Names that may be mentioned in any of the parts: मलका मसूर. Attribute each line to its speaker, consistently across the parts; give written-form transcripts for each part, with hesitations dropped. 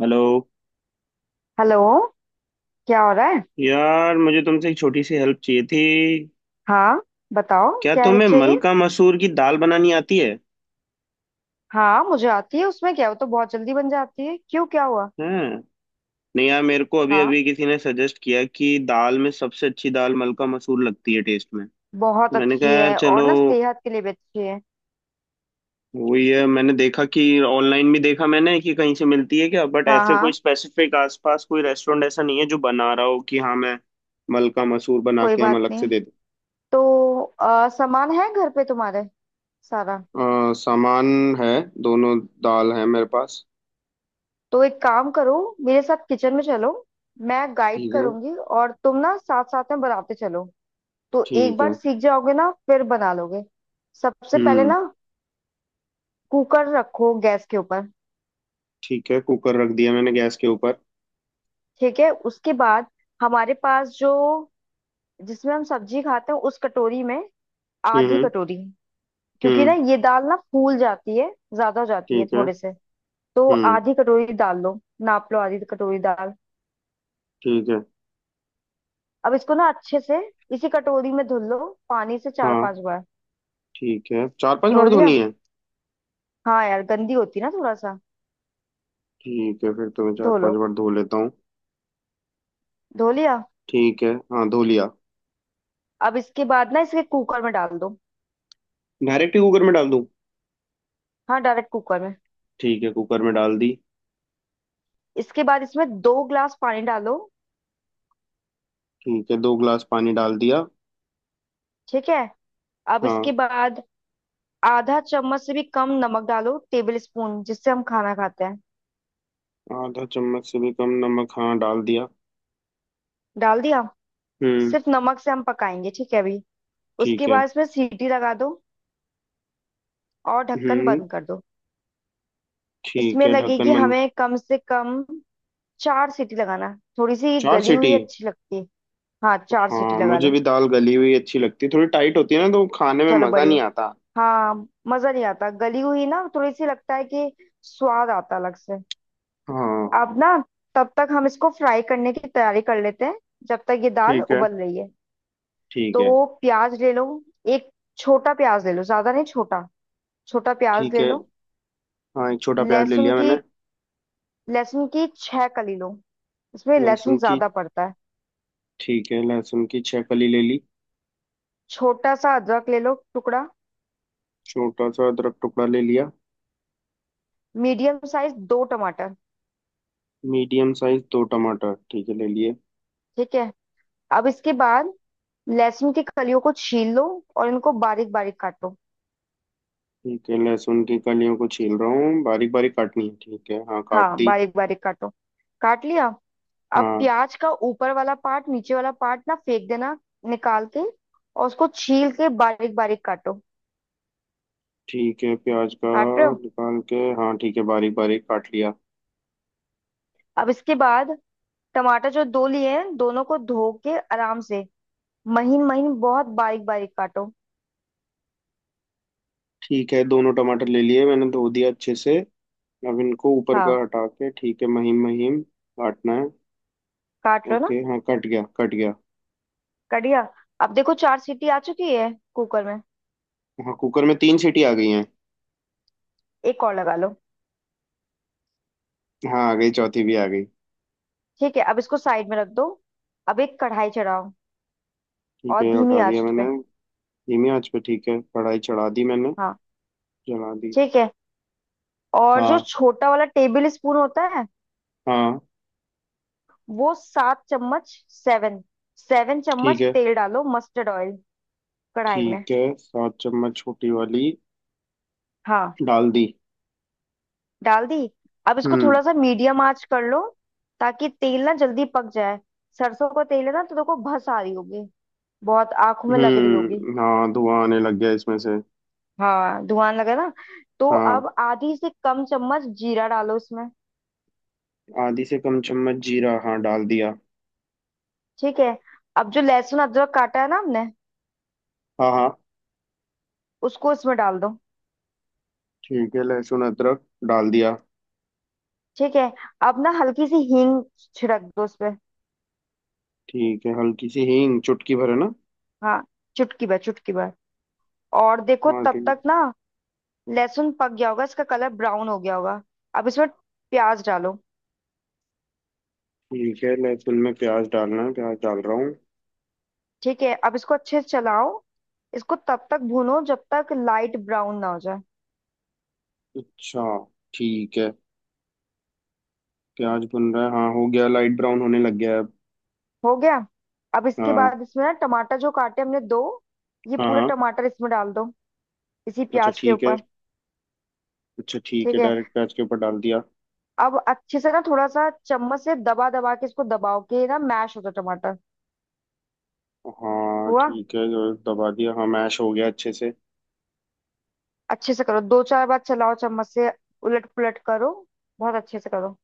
Speaker 1: Hello.
Speaker 2: Hello. क्या हो रहा है?
Speaker 1: यार मुझे तुमसे एक छोटी सी हेल्प चाहिए थी।
Speaker 2: हाँ, बताओ
Speaker 1: क्या
Speaker 2: क्या हेल्प
Speaker 1: तुम्हें
Speaker 2: चाहिए?
Speaker 1: मलका मसूर की दाल बनानी आती है?
Speaker 2: हाँ मुझे आती है, उसमें क्या, वो तो बहुत जल्दी बन जाती है। क्यों, क्या हुआ?
Speaker 1: हैं? नहीं यार, मेरे को अभी
Speaker 2: हाँ,
Speaker 1: अभी किसी ने सजेस्ट किया कि दाल में सबसे अच्छी दाल मलका मसूर लगती है टेस्ट में।
Speaker 2: बहुत
Speaker 1: मैंने कहा
Speaker 2: अच्छी
Speaker 1: यार
Speaker 2: है और
Speaker 1: चलो
Speaker 2: ना सेहत के लिए भी अच्छी है।
Speaker 1: वही है। मैंने देखा कि ऑनलाइन भी देखा मैंने कि कहीं से मिलती है क्या, बट
Speaker 2: हाँ
Speaker 1: ऐसे कोई
Speaker 2: हाँ।
Speaker 1: स्पेसिफिक आसपास कोई रेस्टोरेंट ऐसा नहीं है जो बना रहा हो कि हाँ मैं मलका मसूर बना
Speaker 2: कोई
Speaker 1: के हम
Speaker 2: बात
Speaker 1: अलग से
Speaker 2: नहीं।
Speaker 1: दे
Speaker 2: तो सामान है घर पे तुम्हारे, सारा?
Speaker 1: दूँ। सामान है। दोनों। दाल है मेरे पास।
Speaker 2: तो एक काम करो, मेरे साथ किचन में चलो। मैं गाइड
Speaker 1: ठीक है।
Speaker 2: करूंगी और तुम ना साथ साथ में बनाते चलो। तो एक
Speaker 1: ठीक
Speaker 2: बार
Speaker 1: है।
Speaker 2: सीख जाओगे ना, फिर बना लोगे। सबसे पहले
Speaker 1: हम्म।
Speaker 2: ना कुकर रखो गैस के ऊपर।
Speaker 1: ठीक है, कुकर रख दिया मैंने गैस के ऊपर।
Speaker 2: ठीक है, उसके बाद हमारे पास जो, जिसमें हम सब्जी खाते हैं उस कटोरी में आधी
Speaker 1: हम्म।
Speaker 2: कटोरी, क्योंकि ना
Speaker 1: हम्म।
Speaker 2: ये दाल ना फूल जाती है, ज्यादा हो जाती है
Speaker 1: ठीक है।
Speaker 2: थोड़े से। तो
Speaker 1: हम्म।
Speaker 2: आधी कटोरी डाल लो, नाप लो आधी कटोरी दाल।
Speaker 1: ठीक है।
Speaker 2: अब इसको ना अच्छे से इसी कटोरी में धुल लो, पानी से चार
Speaker 1: हाँ,
Speaker 2: पांच बार।
Speaker 1: ठीक है, चार पांच
Speaker 2: धो
Speaker 1: बार
Speaker 2: लिया?
Speaker 1: धोनी है।
Speaker 2: हाँ यार, गंदी होती ना थोड़ा सा।
Speaker 1: ठीक है, फिर तो मैं चार
Speaker 2: धो
Speaker 1: पांच
Speaker 2: लो।
Speaker 1: बार धो लेता हूँ।
Speaker 2: धो लिया।
Speaker 1: ठीक है, हाँ, धो लिया।
Speaker 2: अब इसके बाद ना इसके कुकर में डाल दो।
Speaker 1: डायरेक्ट ही कुकर में डाल दूँ?
Speaker 2: हाँ डायरेक्ट कुकर में।
Speaker 1: ठीक है, कुकर में डाल दी।
Speaker 2: इसके बाद इसमें 2 ग्लास पानी डालो।
Speaker 1: ठीक है, दो ग्लास पानी डाल दिया।
Speaker 2: ठीक है, अब इसके
Speaker 1: हाँ,
Speaker 2: बाद आधा चम्मच से भी कम नमक डालो, टेबल स्पून जिससे हम खाना खाते हैं।
Speaker 1: आधा चम्मच से भी कम नमक, हाँ, डाल दिया।
Speaker 2: डाल दिया।
Speaker 1: हम्म।
Speaker 2: सिर्फ नमक से हम पकाएंगे, ठीक है अभी। उसके
Speaker 1: ठीक है।
Speaker 2: बाद इसमें सीटी लगा दो और ढक्कन
Speaker 1: हम्म।
Speaker 2: बंद कर दो।
Speaker 1: ठीक
Speaker 2: इसमें
Speaker 1: है, ढक्कन
Speaker 2: लगेगी
Speaker 1: बंद।
Speaker 2: हमें कम से कम चार सीटी लगाना, थोड़ी सी
Speaker 1: चार
Speaker 2: गली हुई
Speaker 1: सीटी।
Speaker 2: अच्छी लगती है। हाँ चार सीटी
Speaker 1: हाँ,
Speaker 2: लगा
Speaker 1: मुझे
Speaker 2: लो।
Speaker 1: भी दाल गली हुई अच्छी लगती है, थोड़ी टाइट होती है ना तो खाने में
Speaker 2: चलो
Speaker 1: मजा
Speaker 2: बढ़िया।
Speaker 1: नहीं आता।
Speaker 2: हाँ मजा नहीं आता गली हुई ना, थोड़ी सी लगता है कि स्वाद आता अलग से।
Speaker 1: हाँ।
Speaker 2: अब ना, तब तक हम इसको फ्राई करने की तैयारी कर लेते हैं जब तक ये दाल
Speaker 1: ठीक है।
Speaker 2: उबल रही है।
Speaker 1: ठीक है।
Speaker 2: तो प्याज ले लो, एक छोटा प्याज ले लो, ज्यादा नहीं छोटा, छोटा प्याज
Speaker 1: ठीक
Speaker 2: ले
Speaker 1: है,
Speaker 2: लो।
Speaker 1: हाँ, एक छोटा प्याज ले
Speaker 2: लहसुन
Speaker 1: लिया
Speaker 2: की,
Speaker 1: मैंने।
Speaker 2: लहसुन की छह कली लो, इसमें लहसुन
Speaker 1: लहसुन की।
Speaker 2: ज्यादा पड़ता है।
Speaker 1: ठीक है, लहसुन की छह कली ले ली।
Speaker 2: छोटा सा अदरक ले लो टुकड़ा।
Speaker 1: छोटा सा अदरक टुकड़ा ले लिया।
Speaker 2: मीडियम साइज दो टमाटर।
Speaker 1: मीडियम साइज दो टमाटर, ठीक है, ले लिए।
Speaker 2: ठीक है, अब इसके बाद लहसुन की कलियों को छील लो और इनको बारीक बारीक काटो।
Speaker 1: ठीक है, लहसुन की कलियों को छील रहा हूँ, बारीक बारीक काटनी है, ठीक है, हाँ, काट
Speaker 2: हाँ
Speaker 1: दी।
Speaker 2: बारीक बारीक काटो। काट लिया। अब
Speaker 1: हाँ।
Speaker 2: प्याज का ऊपर वाला पार्ट, नीचे वाला पार्ट ना फेंक देना, निकाल के, और उसको छील के बारीक बारीक काटो।
Speaker 1: ठीक है, प्याज का
Speaker 2: काट रहे हो?
Speaker 1: निकाल के, हाँ, ठीक है, बारीक बारीक काट लिया।
Speaker 2: अब इसके बाद टमाटर जो दो लिए हैं, दोनों को धो के आराम से महीन महीन बहुत बारीक बारीक काटो।
Speaker 1: ठीक है, दोनों टमाटर ले लिए मैंने, धो दिया अच्छे से। अब इनको ऊपर का
Speaker 2: हाँ
Speaker 1: हटा के, ठीक है, महीन महीन काटना है।
Speaker 2: काट रहे हो ना?
Speaker 1: ओके, हाँ, कट गया, कट गया।
Speaker 2: कट गया? अब देखो चार सीटी आ चुकी है कुकर में।
Speaker 1: हाँ, कुकर में तीन सीटी आ गई हैं।
Speaker 2: एक और लगा लो।
Speaker 1: हाँ, आ गई, चौथी भी आ गई।
Speaker 2: ठीक है, अब इसको साइड में रख दो। अब एक कढ़ाई चढ़ाओ
Speaker 1: ठीक
Speaker 2: और
Speaker 1: है,
Speaker 2: धीमी
Speaker 1: उठा दिया
Speaker 2: आंच
Speaker 1: मैंने।
Speaker 2: पे।
Speaker 1: धीमी आंच पे, ठीक है, कढ़ाई चढ़ा दी मैंने।
Speaker 2: हाँ,
Speaker 1: जला दी।
Speaker 2: ठीक है। और जो
Speaker 1: हाँ।
Speaker 2: छोटा वाला टेबल स्पून होता है,
Speaker 1: हाँ।
Speaker 2: वो 7 चम्मच, 7 सेवन
Speaker 1: ठीक
Speaker 2: चम्मच
Speaker 1: है।
Speaker 2: तेल डालो, मस्टर्ड ऑयल कढ़ाई में।
Speaker 1: ठीक है, सात चम्मच छोटी वाली
Speaker 2: हाँ,
Speaker 1: डाल दी।
Speaker 2: डाल दी। अब इसको
Speaker 1: हम्म।
Speaker 2: थोड़ा सा मीडियम आंच कर लो, ताकि तेल ना जल्दी पक जाए। सरसों का तेल है ना तो देखो भस आ रही होगी, बहुत आंखों में लग रही होगी।
Speaker 1: हम्म, हाँ, धुआं आने लग गया इसमें से।
Speaker 2: हाँ धुआं लगा ना। तो
Speaker 1: हाँ,
Speaker 2: अब आधी से कम चम्मच जीरा डालो इसमें।
Speaker 1: आधी से कम चम्मच जीरा, हाँ, डाल दिया।
Speaker 2: ठीक है, अब जो लहसुन अदरक काटा है ना हमने,
Speaker 1: हाँ हाँ।
Speaker 2: उसको इसमें डाल दो।
Speaker 1: ठीक है, लहसुन अदरक डाल दिया।
Speaker 2: ठीक है, अब ना हल्की सी हींग छिड़क दो उस पे।
Speaker 1: ठीक है, हल्की सी हींग, चुटकी भर है ना?
Speaker 2: हाँ, चुटकी भर चुटकी भर। और देखो
Speaker 1: हाँ
Speaker 2: तब
Speaker 1: ठीक।
Speaker 2: तक ना लहसुन पक गया होगा, इसका कलर ब्राउन हो गया होगा। अब इसमें प्याज डालो।
Speaker 1: ठीक है, लहसुन में प्याज डालना है, प्याज डाल रहा हूँ।
Speaker 2: ठीक है, अब इसको अच्छे से चलाओ, इसको तब तक भूनो जब तक लाइट ब्राउन ना हो जाए।
Speaker 1: अच्छा, ठीक है। प्याज बन रहा है, हाँ, हो गया, लाइट ब्राउन होने लग गया है अब।
Speaker 2: हो गया? अब इसके
Speaker 1: हाँ।
Speaker 2: बाद इसमें ना टमाटर जो काटे हमने दो, ये
Speaker 1: हाँ।
Speaker 2: पूरे
Speaker 1: हाँ,
Speaker 2: टमाटर इसमें डाल दो, इसी
Speaker 1: अच्छा,
Speaker 2: प्याज के
Speaker 1: ठीक है।
Speaker 2: ऊपर।
Speaker 1: अच्छा ठीक
Speaker 2: ठीक
Speaker 1: है,
Speaker 2: है,
Speaker 1: डायरेक्ट प्याज के ऊपर डाल दिया।
Speaker 2: अब अच्छे से ना थोड़ा सा चम्मच से दबा दबा के इसको दबाओ कि ना मैश हो जाए टमाटर।
Speaker 1: हाँ,
Speaker 2: हुआ?
Speaker 1: ठीक है, जो दबा दिया, हाँ, मैश हो गया अच्छे से।
Speaker 2: अच्छे से करो, दो चार बार चलाओ चम्मच से, उलट पुलट करो, बहुत अच्छे से करो।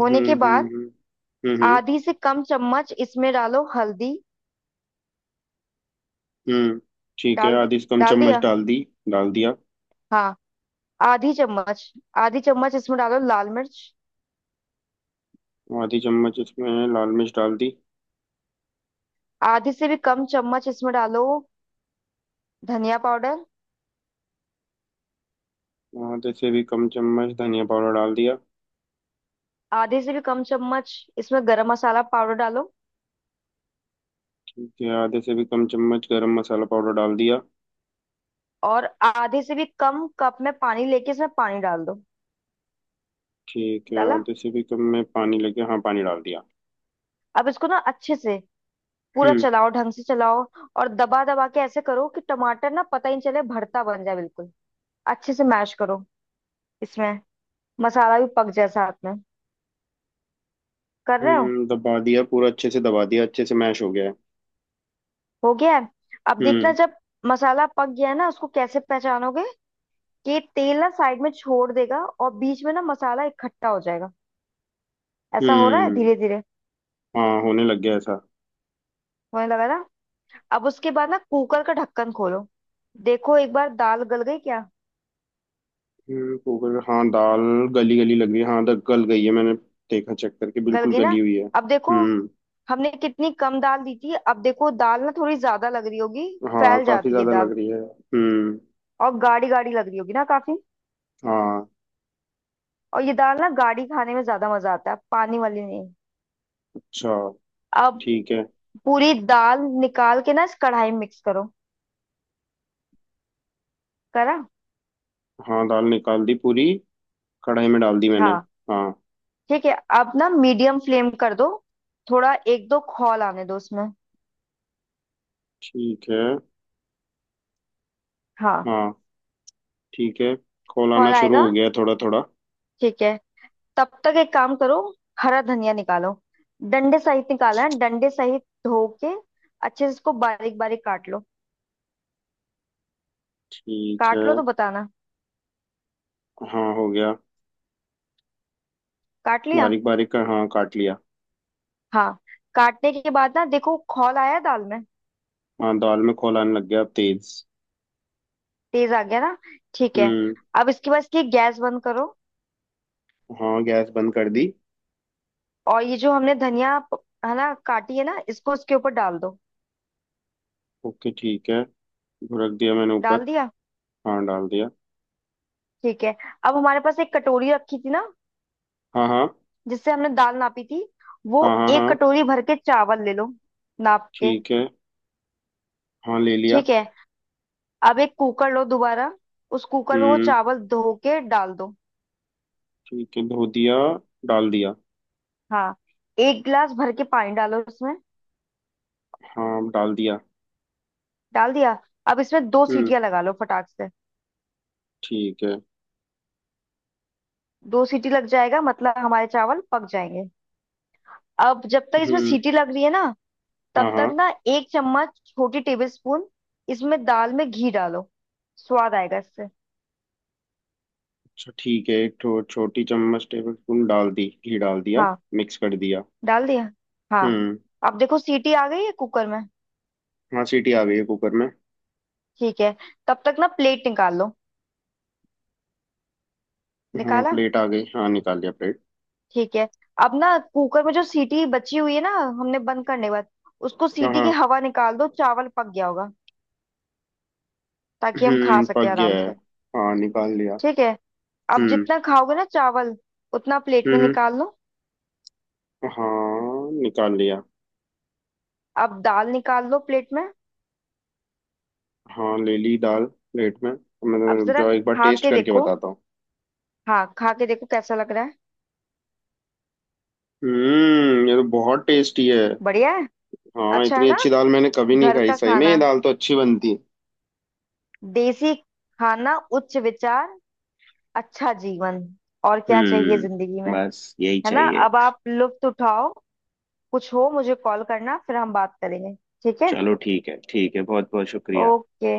Speaker 2: होने के बाद
Speaker 1: हम्म।
Speaker 2: आधी से कम चम्मच इसमें डालो हल्दी।
Speaker 1: हम्म, ठीक है,
Speaker 2: डाल दे-
Speaker 1: आधी से कम
Speaker 2: डाल
Speaker 1: चम्मच
Speaker 2: दिया।
Speaker 1: डाल दी। डाल दिया।
Speaker 2: हाँ आधी चम्मच, आधी चम्मच इसमें डालो लाल मिर्च।
Speaker 1: आधी चम्मच इसमें लाल मिर्च डाल दी।
Speaker 2: आधी से भी कम चम्मच इसमें डालो धनिया पाउडर।
Speaker 1: आधे से भी कम चम्मच धनिया पाउडर डाल दिया।
Speaker 2: आधी से भी कम चम्मच इसमें गरम मसाला पाउडर डालो।
Speaker 1: ठीक है, आधे से भी कम चम्मच गरम मसाला पाउडर डाल दिया।
Speaker 2: और आधे से भी कम कप में पानी लेके इसमें पानी डाल दो।
Speaker 1: ठीक है,
Speaker 2: डाला?
Speaker 1: आधे से भी कम में पानी लग गया, हाँ, पानी डाल दिया।
Speaker 2: अब इसको ना अच्छे से पूरा
Speaker 1: हम्म।
Speaker 2: चलाओ, ढंग से चलाओ, और दबा दबा के ऐसे करो कि टमाटर ना पता ही नहीं चले, भरता बन जाए बिल्कुल। अच्छे से मैश करो, इसमें मसाला भी पक जाए साथ में। कर रहे हो?
Speaker 1: हम्म, दबा दिया पूरा अच्छे से, दबा दिया अच्छे से, मैश हो गया है।
Speaker 2: हो गया है? अब देखना,
Speaker 1: हम्म।
Speaker 2: जब मसाला पक गया है ना उसको कैसे पहचानोगे, कि तेल ना साइड में छोड़ देगा और बीच में ना मसाला इकट्ठा हो जाएगा। ऐसा हो रहा है
Speaker 1: हम्म,
Speaker 2: धीरे धीरे?
Speaker 1: हाँ, होने लग गया ऐसा।
Speaker 2: होने लगा ना? अब उसके बाद ना कुकर का ढक्कन खोलो, देखो एक बार दाल गल गई क्या।
Speaker 1: हम्म, कुकर, हाँ, दाल गली गली लग रही है, हाँ, गल गई है। मैंने देखा, चेक करके
Speaker 2: गल
Speaker 1: बिल्कुल
Speaker 2: गई ना?
Speaker 1: गली हुई है।
Speaker 2: अब देखो,
Speaker 1: हम्म।
Speaker 2: हमने कितनी कम दाल दी थी, अब देखो दाल ना थोड़ी ज्यादा लग रही होगी।
Speaker 1: हाँ,
Speaker 2: फैल
Speaker 1: काफी
Speaker 2: जाती है
Speaker 1: ज्यादा
Speaker 2: दाल,
Speaker 1: लग रही है। हम्म।
Speaker 2: और गाढ़ी गाढ़ी लग रही होगी ना काफी।
Speaker 1: हाँ।
Speaker 2: और ये दाल ना गाढ़ी खाने में ज्यादा मजा आता है, पानी वाली नहीं।
Speaker 1: अच्छा,
Speaker 2: अब
Speaker 1: ठीक है।
Speaker 2: पूरी दाल निकाल के ना इस कढ़ाई में मिक्स करो। करा?
Speaker 1: हाँ, दाल निकाल दी पूरी, कढ़ाई में डाल दी मैंने।
Speaker 2: हाँ,
Speaker 1: हाँ।
Speaker 2: ठीक है, अब ना मीडियम फ्लेम कर दो, थोड़ा एक दो खौल आने दो उसमें।
Speaker 1: ठीक है।
Speaker 2: हाँ,
Speaker 1: हाँ। ठीक है, खोलाना
Speaker 2: खौल
Speaker 1: शुरू
Speaker 2: आएगा।
Speaker 1: हो गया थोड़ा थोड़ा।
Speaker 2: ठीक है, तब तक एक काम करो, हरा धनिया निकालो, डंडे सहित निकालना है, डंडे सहित धो के अच्छे से इसको बारीक बारीक काट लो।
Speaker 1: ठीक है।
Speaker 2: काट लो तो बताना।
Speaker 1: हाँ, हो गया।
Speaker 2: काट लिया?
Speaker 1: बारीक बारीक का, हाँ, काट लिया।
Speaker 2: हाँ, काटने के बाद ना देखो खौल आया दाल में।
Speaker 1: हाँ, दाल में खोल आने लग गया अब तेज।
Speaker 2: तेज आ गया ना? ठीक है,
Speaker 1: हम्म।
Speaker 2: अब इसके बाद इसकी गैस बंद करो।
Speaker 1: हाँ, गैस बंद कर दी।
Speaker 2: और ये जो हमने धनिया है ना काटी है ना, इसको इसके ऊपर डाल दो।
Speaker 1: ओके, ठीक है, रख दिया मैंने ऊपर।
Speaker 2: डाल दिया?
Speaker 1: हाँ, डाल दिया।
Speaker 2: ठीक है, अब हमारे पास एक कटोरी रखी थी ना
Speaker 1: हाँ हाँ।
Speaker 2: जिससे हमने दाल नापी थी, वो
Speaker 1: हाँ। हाँ।
Speaker 2: एक
Speaker 1: हाँ,
Speaker 2: कटोरी भर के चावल ले लो, नाप के।
Speaker 1: ठीक है। हाँ, ले लिया।
Speaker 2: ठीक है, अब एक कुकर लो दोबारा, उस कुकर में वो
Speaker 1: हम्म।
Speaker 2: चावल धो के डाल दो।
Speaker 1: ठीक है, धो दिया, डाल दिया।
Speaker 2: हाँ, 1 गिलास भर के पानी डालो उसमें।
Speaker 1: हाँ, डाल दिया।
Speaker 2: डाल दिया? अब इसमें दो
Speaker 1: हम्म।
Speaker 2: सीटियां लगा लो फटाक से।
Speaker 1: ठीक है।
Speaker 2: दो सीटी लग जाएगा मतलब हमारे चावल पक जाएंगे। अब जब तक इसमें
Speaker 1: हम्म।
Speaker 2: सीटी लग रही है ना,
Speaker 1: हाँ
Speaker 2: तब तक
Speaker 1: हाँ।
Speaker 2: ना 1 चम्मच छोटी टेबल स्पून, इसमें दाल में घी डालो, स्वाद आएगा इससे।
Speaker 1: अच्छा, ठीक है, एक ठो छोटी चम्मच टेबल स्पून डाल दी, घी डाल दिया,
Speaker 2: हाँ,
Speaker 1: मिक्स कर दिया।
Speaker 2: डाल दिया। हाँ।
Speaker 1: हम्म।
Speaker 2: अब देखो सीटी आ गई है कुकर में।
Speaker 1: हाँ, सीटी आ गई है कुकर में।
Speaker 2: ठीक है, तब तक ना प्लेट निकाल लो।
Speaker 1: हाँ,
Speaker 2: निकाला?
Speaker 1: प्लेट आ गई, हाँ, निकाल लिया प्लेट।
Speaker 2: ठीक है, अब ना कुकर में जो सीटी बची हुई है ना हमने बंद करने के बाद, उसको
Speaker 1: हाँ
Speaker 2: सीटी की
Speaker 1: हाँ।
Speaker 2: हवा निकाल दो, चावल पक गया होगा, ताकि हम खा
Speaker 1: हम्म,
Speaker 2: सके
Speaker 1: पक गया
Speaker 2: आराम
Speaker 1: है,
Speaker 2: से।
Speaker 1: हाँ, निकाल लिया।
Speaker 2: ठीक है, अब
Speaker 1: हम्म
Speaker 2: जितना खाओगे ना चावल उतना प्लेट
Speaker 1: हम्म
Speaker 2: में
Speaker 1: हम्म।
Speaker 2: निकाल लो।
Speaker 1: हाँ, निकाल लिया।
Speaker 2: अब दाल निकाल लो प्लेट में।
Speaker 1: हाँ, ले ली दाल प्लेट में। मैं तो,
Speaker 2: अब
Speaker 1: रुक
Speaker 2: जरा
Speaker 1: जाओ, एक बार
Speaker 2: खा
Speaker 1: टेस्ट
Speaker 2: के
Speaker 1: करके
Speaker 2: देखो।
Speaker 1: बताता हूँ।
Speaker 2: हाँ खा के देखो कैसा लग रहा है।
Speaker 1: हम्म, ये तो बहुत टेस्टी है।
Speaker 2: बढ़िया है?
Speaker 1: हाँ,
Speaker 2: अच्छा है
Speaker 1: इतनी
Speaker 2: ना,
Speaker 1: अच्छी दाल मैंने कभी नहीं
Speaker 2: घर
Speaker 1: खाई,
Speaker 2: का
Speaker 1: सही में ये
Speaker 2: खाना,
Speaker 1: दाल तो अच्छी बनती है।
Speaker 2: देसी खाना, उच्च विचार, अच्छा जीवन, और क्या चाहिए
Speaker 1: हम्म,
Speaker 2: जिंदगी में?
Speaker 1: बस यही
Speaker 2: है ना?
Speaker 1: चाहिए।
Speaker 2: अब आप लुत्फ उठाओ। कुछ हो मुझे कॉल करना, फिर हम बात करेंगे। ठीक है।
Speaker 1: चलो ठीक है, ठीक है, बहुत बहुत शुक्रिया।
Speaker 2: ओके।